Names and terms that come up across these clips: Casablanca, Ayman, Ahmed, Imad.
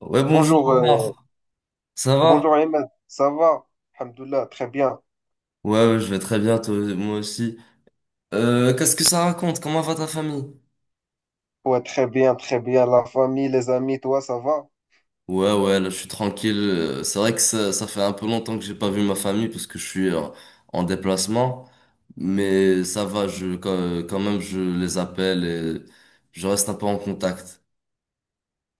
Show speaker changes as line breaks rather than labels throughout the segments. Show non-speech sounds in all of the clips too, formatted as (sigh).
Ouais, bonjour
Bonjour,
Omar. Ça va?
bonjour Ayman, ça va? Alhamdoulilah, très bien.
Ouais, ouais, je vais très bien, toi, moi aussi. Qu'est-ce que ça raconte? Comment va ta famille?
Ouais, très bien, très bien. La famille, les amis, toi, ça va?
Ouais, ouais, là, je suis tranquille. C'est vrai que ça fait un peu longtemps que j'ai pas vu ma famille parce que je suis en déplacement. Mais ça va, je, quand même, je les appelle et je reste un peu en contact.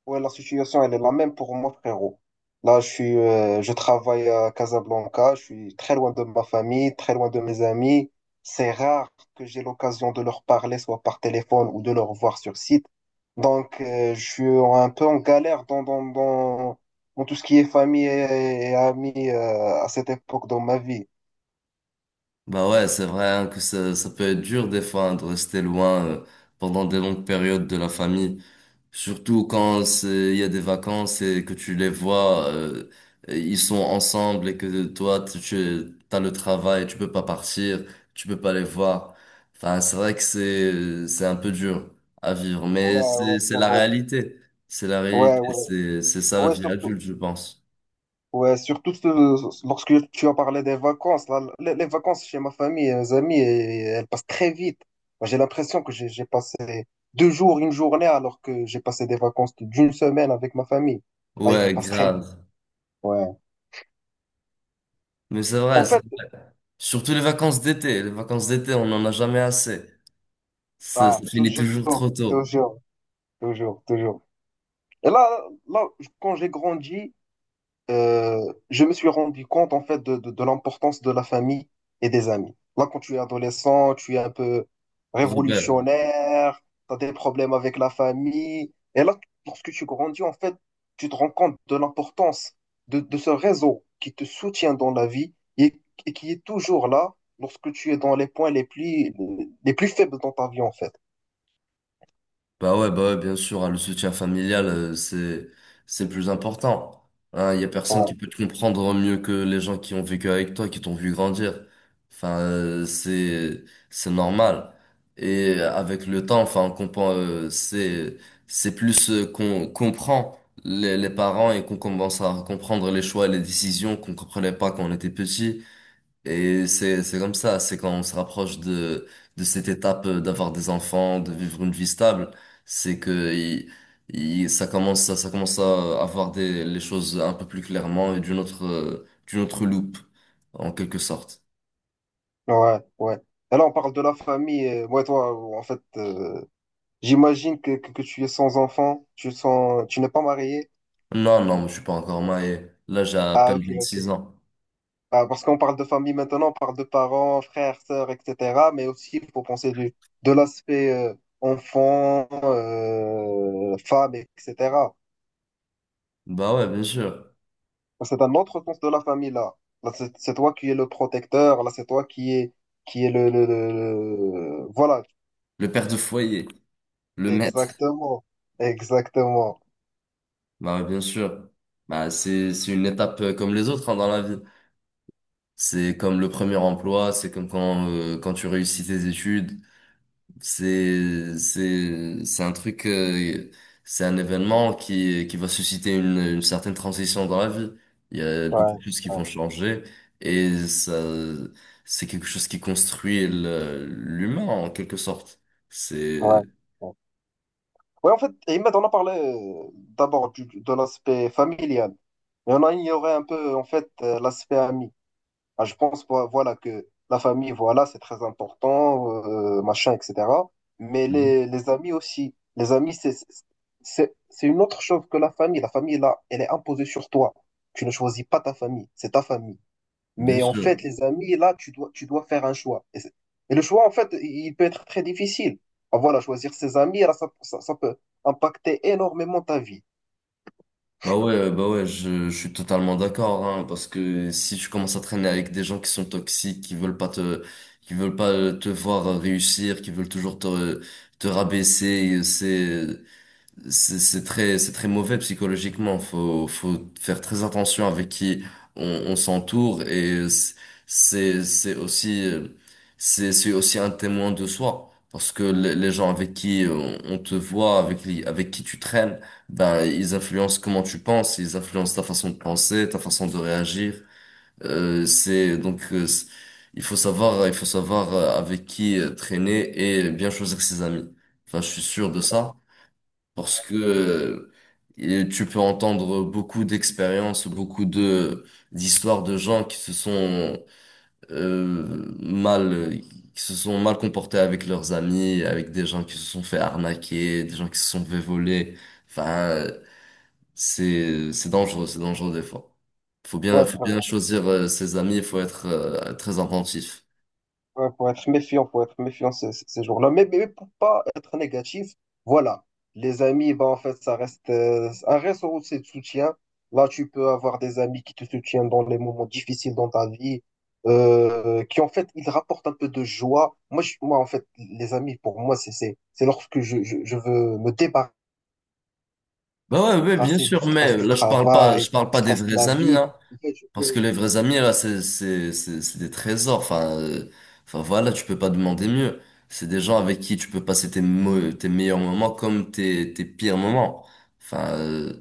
Ouais, la situation, elle est la même pour moi, frérot. Là, je travaille à Casablanca, je suis très loin de ma famille, très loin de mes amis. C'est rare que j'ai l'occasion de leur parler, soit par téléphone ou de leur voir sur site. Donc, je suis un peu en galère dans tout ce qui est famille et amis, à cette époque dans ma vie.
Bah ouais, c'est vrai hein, que ça peut être dur des fois hein, de rester loin pendant des longues périodes de la famille. Surtout quand il y a des vacances et que tu les vois, et ils sont ensemble et que toi, tu as le travail, tu peux pas partir, tu peux pas les voir. Enfin, c'est vrai que c'est un peu dur à vivre, mais
Ouais, ouais,
c'est la
frérot.
réalité. C'est la
Ouais,
réalité.
ouais,
C'est ça la
ouais,
vie
surtout,
adulte, je pense.
ouais, lorsque tu as parlé des vacances, là, les vacances chez ma famille et mes amis, elles passent très vite. Moi, j'ai l'impression que j'ai passé deux jours, une journée, alors que j'ai passé des vacances d'une semaine avec ma famille. Ah,
Ouais,
ils passent très vite.
grave.
Ouais.
Mais c'est vrai,
En fait,
surtout les vacances d'été. Les vacances d'été, on n'en a jamais assez. Ça,
ah,
ça finit
toujours,
toujours trop tôt.
toujours, toujours, toujours. Et là, quand j'ai grandi, je me suis rendu compte en fait de l'importance de la famille et des amis. Là, quand tu es adolescent, tu es un peu
Rebelle.
révolutionnaire, tu as des problèmes avec la famille. Et là, lorsque tu grandis, en fait, tu te rends compte de l'importance de ce réseau qui te soutient dans la vie et qui est toujours là lorsque tu es dans les points les plus faibles dans ta vie, en fait.
Bah ouais, bien sûr, hein, le soutien familial, c'est plus important. Hein, il y a personne qui
Ouais,
peut te comprendre mieux que les gens qui ont vécu avec toi, qui t'ont vu grandir. Enfin, c'est normal. Et avec le temps, enfin, on comprend, c'est plus qu'on comprend les parents et qu'on commence à comprendre les choix et les décisions qu'on comprenait pas quand on était petit. Et c'est comme ça, c'est quand on se rapproche de cette étape d'avoir des enfants, de vivre une vie stable, c'est que ça commence, ça commence à avoir des, les choses un peu plus clairement et d'une autre loupe, en quelque sorte.
ouais, ouais. Et là, on parle de la famille. Et moi, toi, en fait, j'imagine que tu es sans enfant, tu n'es pas marié.
Non, non, je suis pas encore marié. Là, j'ai à
Ah,
peine
ok,
26
ok.
ans.
Ah, parce qu'on parle de famille maintenant, on parle de parents, frères, sœurs, etc. Mais aussi, il faut penser de l'aspect enfant, femme, etc.
Bah ouais, bien sûr.
C'est un autre sens de la famille, là. Là, c'est toi qui es le protecteur, là, c'est toi qui es, qui est voilà,
Le père de foyer, le maître.
exactement. Exactement.
Bah ouais, bien sûr. Bah c'est une étape comme les autres, hein, dans la vie. C'est comme le premier emploi, c'est comme quand, quand tu réussis tes études. C'est un truc, c'est un événement qui va susciter une certaine transition dans la vie. Il y a beaucoup
Ouais,
de choses qui
ouais,
vont changer et ça, c'est quelque chose qui construit l'humain en quelque sorte.
ouais.
C'est,
Ouais. Oui, en fait, Imad, on a parlé d'abord de l'aspect familial, mais on a ignoré un peu, en fait, l'aspect ami. Ah, je pense, voilà, que la famille, voilà, c'est très important, machin, etc. Mais
mhm,
les amis aussi. Les amis, c'est une autre chose que la famille. La famille, là, elle est imposée sur toi. Tu ne choisis pas ta famille, c'est ta famille.
bien
Mais en
sûr.
fait, les amis, là, tu dois faire un choix. Et le choix, en fait, il peut être très difficile. Ah, voilà, choisir ses amis, là, ça peut impacter énormément ta vie.
Bah ouais, je suis totalement d'accord, hein, parce que si tu commences à traîner avec des gens qui sont toxiques, qui veulent pas te voir réussir, qui veulent toujours te, te rabaisser, c'est c'est très mauvais psychologiquement. Faut faire très attention avec qui on s'entoure et c'est c'est aussi, c'est aussi un témoin de soi. Parce que les gens avec qui on te voit, avec qui tu traînes, ben, ils influencent comment tu penses, ils influencent ta façon de penser, ta façon de réagir. Euh, c'est, donc, euh, c'est- il faut savoir, il faut savoir avec qui traîner et bien choisir ses amis. Enfin, je suis sûr de ça parce que tu peux entendre beaucoup d'expériences, beaucoup de d'histoires de gens qui se sont mal qui se sont mal comportés avec leurs amis, avec des gens qui se sont fait arnaquer, des gens qui se sont fait voler. Enfin, c'est dangereux, c'est dangereux des fois.
Tu vois,
Faut bien choisir ses amis, il faut être très attentif.
ouais, faut être méfiant ces jours-là. Mais pour pas être négatif, voilà. Les amis, bah, en fait, ça reste un réseau aussi de soutien. Là, tu peux avoir des amis qui te soutiennent dans les moments difficiles dans ta vie, qui, en fait, ils rapportent un peu de joie. Moi, moi, en fait, les amis, pour moi, c'est lorsque je veux me débarrasser
Bah ouais, ouais, bien
du
sûr, mais
stress du
là
travail,
je parle
du
pas des
stress de la
vrais amis,
vie.
hein.
En fait,
Parce que les vrais amis, là, c'est des trésors. Enfin, voilà, tu peux pas demander mieux. C'est des gens avec qui tu peux passer tes meilleurs moments comme tes pires moments. Enfin, euh,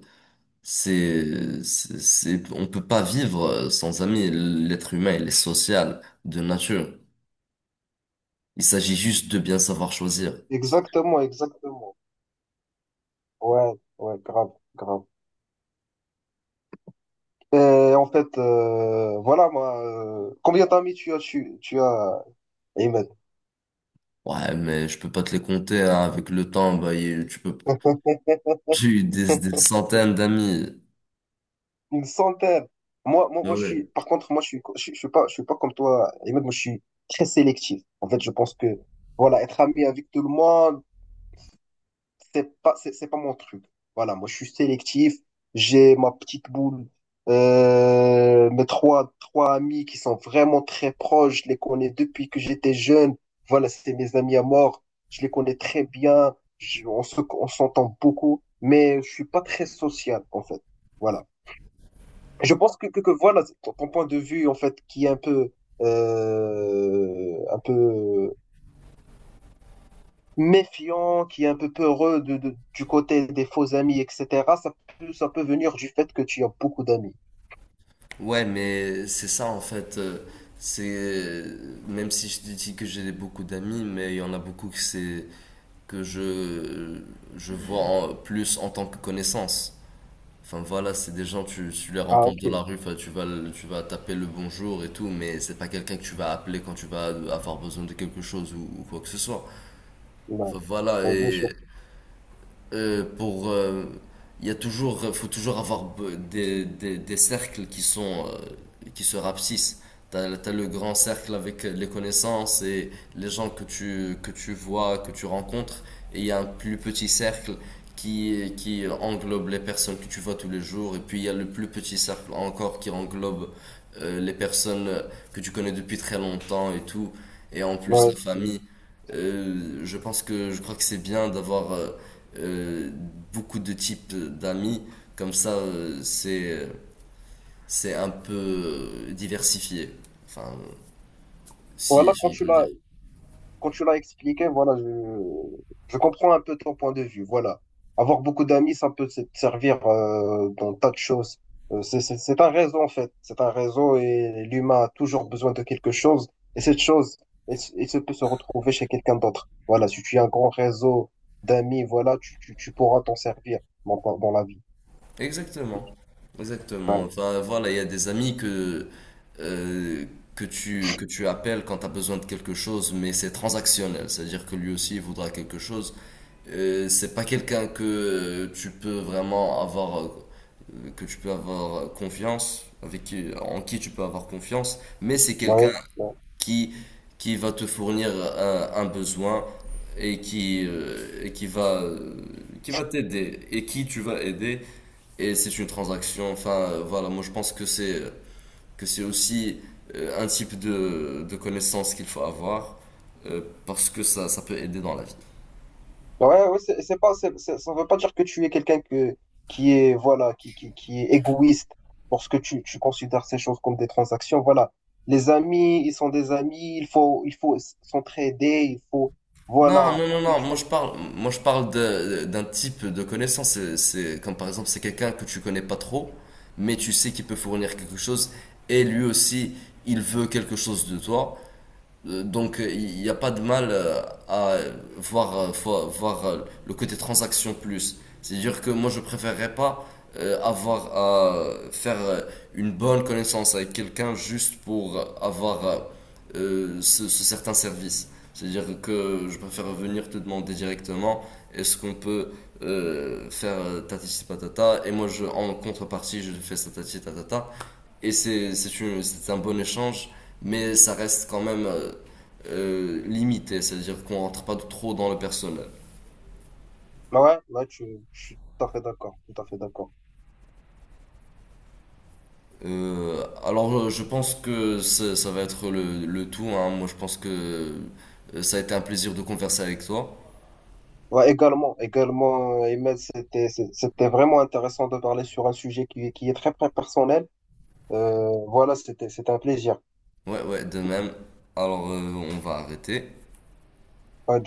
c'est, c'est, c'est- on peut pas vivre sans amis. L'être humain, il est social de nature. Il s'agit juste de bien savoir choisir.
Exactement, exactement. Ouais, ouais, grave, grave. Et en fait, voilà, moi, combien d'amis tu as, tu as, Ahmed?
Ouais, mais je peux pas te les compter, hein. Avec le temps, bah, j'ai eu des
(laughs)
centaines d'amis.
Une centaine. Moi, moi,
Ah
moi,
ouais.
par contre, moi, je suis pas comme toi, Ahmed, moi, je suis très sélectif. En fait, je pense que, voilà, être ami avec tout le monde, c'est pas mon truc. Voilà, moi, je suis sélectif. J'ai ma petite boule. Mes trois amis qui sont vraiment très proches. Je les connais depuis que j'étais jeune. Voilà, c'est mes amis à mort. Je les connais très bien. On s'entend beaucoup. Mais je suis pas très social, en fait. Voilà. Je pense que voilà, ton point de vue, en fait, qui est un peu méfiant, qui est un peu peureux du côté des faux amis, etc., ça ça peut venir du fait que tu as beaucoup d'amis.
Ouais, mais c'est ça en fait. C'est Même si je te dis que j'ai beaucoup d'amis, mais il y en a beaucoup que c'est que je vois plus en tant que connaissance. Enfin voilà, c'est des gens tu les
Ah,
rencontres de
ok.
la rue, enfin, tu vas taper le bonjour et tout, mais c'est pas quelqu'un que tu vas appeler quand tu vas avoir besoin de quelque chose ou quoi que ce soit.
Ouais.
Enfin, voilà
Ouais, bien sûr.
et pour il y a toujours faut toujours avoir des cercles qui sont qui se rapsissent t'as le grand cercle avec les connaissances et les gens que tu vois que tu rencontres et il y a un plus petit cercle qui englobe les personnes que tu vois tous les jours et puis il y a le plus petit cercle encore qui englobe les personnes que tu connais depuis très longtemps et tout et en plus la
Ouais. Ouais.
famille. Je crois que c'est bien d'avoir euh, beaucoup de types d'amis. Comme ça, c'est un peu diversifié. Enfin,
Voilà,
si on peut le dire.
quand tu l'as expliqué, voilà, je comprends un peu ton point de vue. Voilà. Avoir beaucoup d'amis, ça peut te servir dans tas de choses. C'est un réseau, en fait. C'est un réseau et l'humain a toujours besoin de quelque chose. Et cette chose, elle se peut se retrouver chez quelqu'un d'autre. Voilà, si tu as un grand réseau d'amis, voilà, tu pourras t'en servir dans la vie.
Exactement. Exactement.
Ouais.
Enfin, voilà, il y a des amis euh, que tu appelles quand tu as besoin de quelque chose, mais c'est transactionnel. C'est-à-dire que lui aussi, il voudra quelque chose. C'est pas quelqu'un que tu peux vraiment avoir, que tu peux avoir confiance, avec qui, en qui tu peux avoir confiance, mais c'est quelqu'un
Ouais.
qui, qui va te fournir un besoin et qui va t'aider et qui tu vas aider. Et c'est une transaction. Enfin, voilà, moi je pense que c'est aussi un type de connaissance qu'il faut avoir euh, parce que ça peut aider dans la vie.
Ouais, ouais, c'est pas, c'est- ça ne veut pas dire que tu es quelqu'un qui est, voilà, qui est égoïste lorsque tu considères ces choses comme des transactions. Voilà. Les amis, ils sont des amis, s'entraider, il faut,
Non,
voilà.
non, non, non, moi je parle d'un type de connaissance. Comme par exemple, c'est quelqu'un que tu connais pas trop, mais tu sais qu'il peut fournir quelque chose et lui aussi, il veut quelque chose de toi. Donc il n'y a pas de mal à voir, le côté transaction plus. C'est-à-dire que moi je préférerais pas avoir à faire une bonne connaissance avec quelqu'un juste pour avoir ce certain service. C'est-à-dire que je préfère venir te demander directement est-ce qu'on peut faire tatati patata et moi je, en contrepartie je fais ça tatati tatata et c'est un bon échange mais ça reste quand même limité, c'est-à-dire qu'on rentre pas trop dans le personnel.
Ouais, ouais, je suis tout à fait d'accord, tout à fait d'accord.
Alors je pense que ça ça va être le tout, hein. Moi je pense que ça a été un plaisir de converser avec toi.
Ouais, également, également, Ahmed, c'était vraiment intéressant de parler sur un sujet qui est très, très personnel. Voilà, c'était un plaisir.
Ouais, ouais, de même. Alors on va arrêter.
Ouais,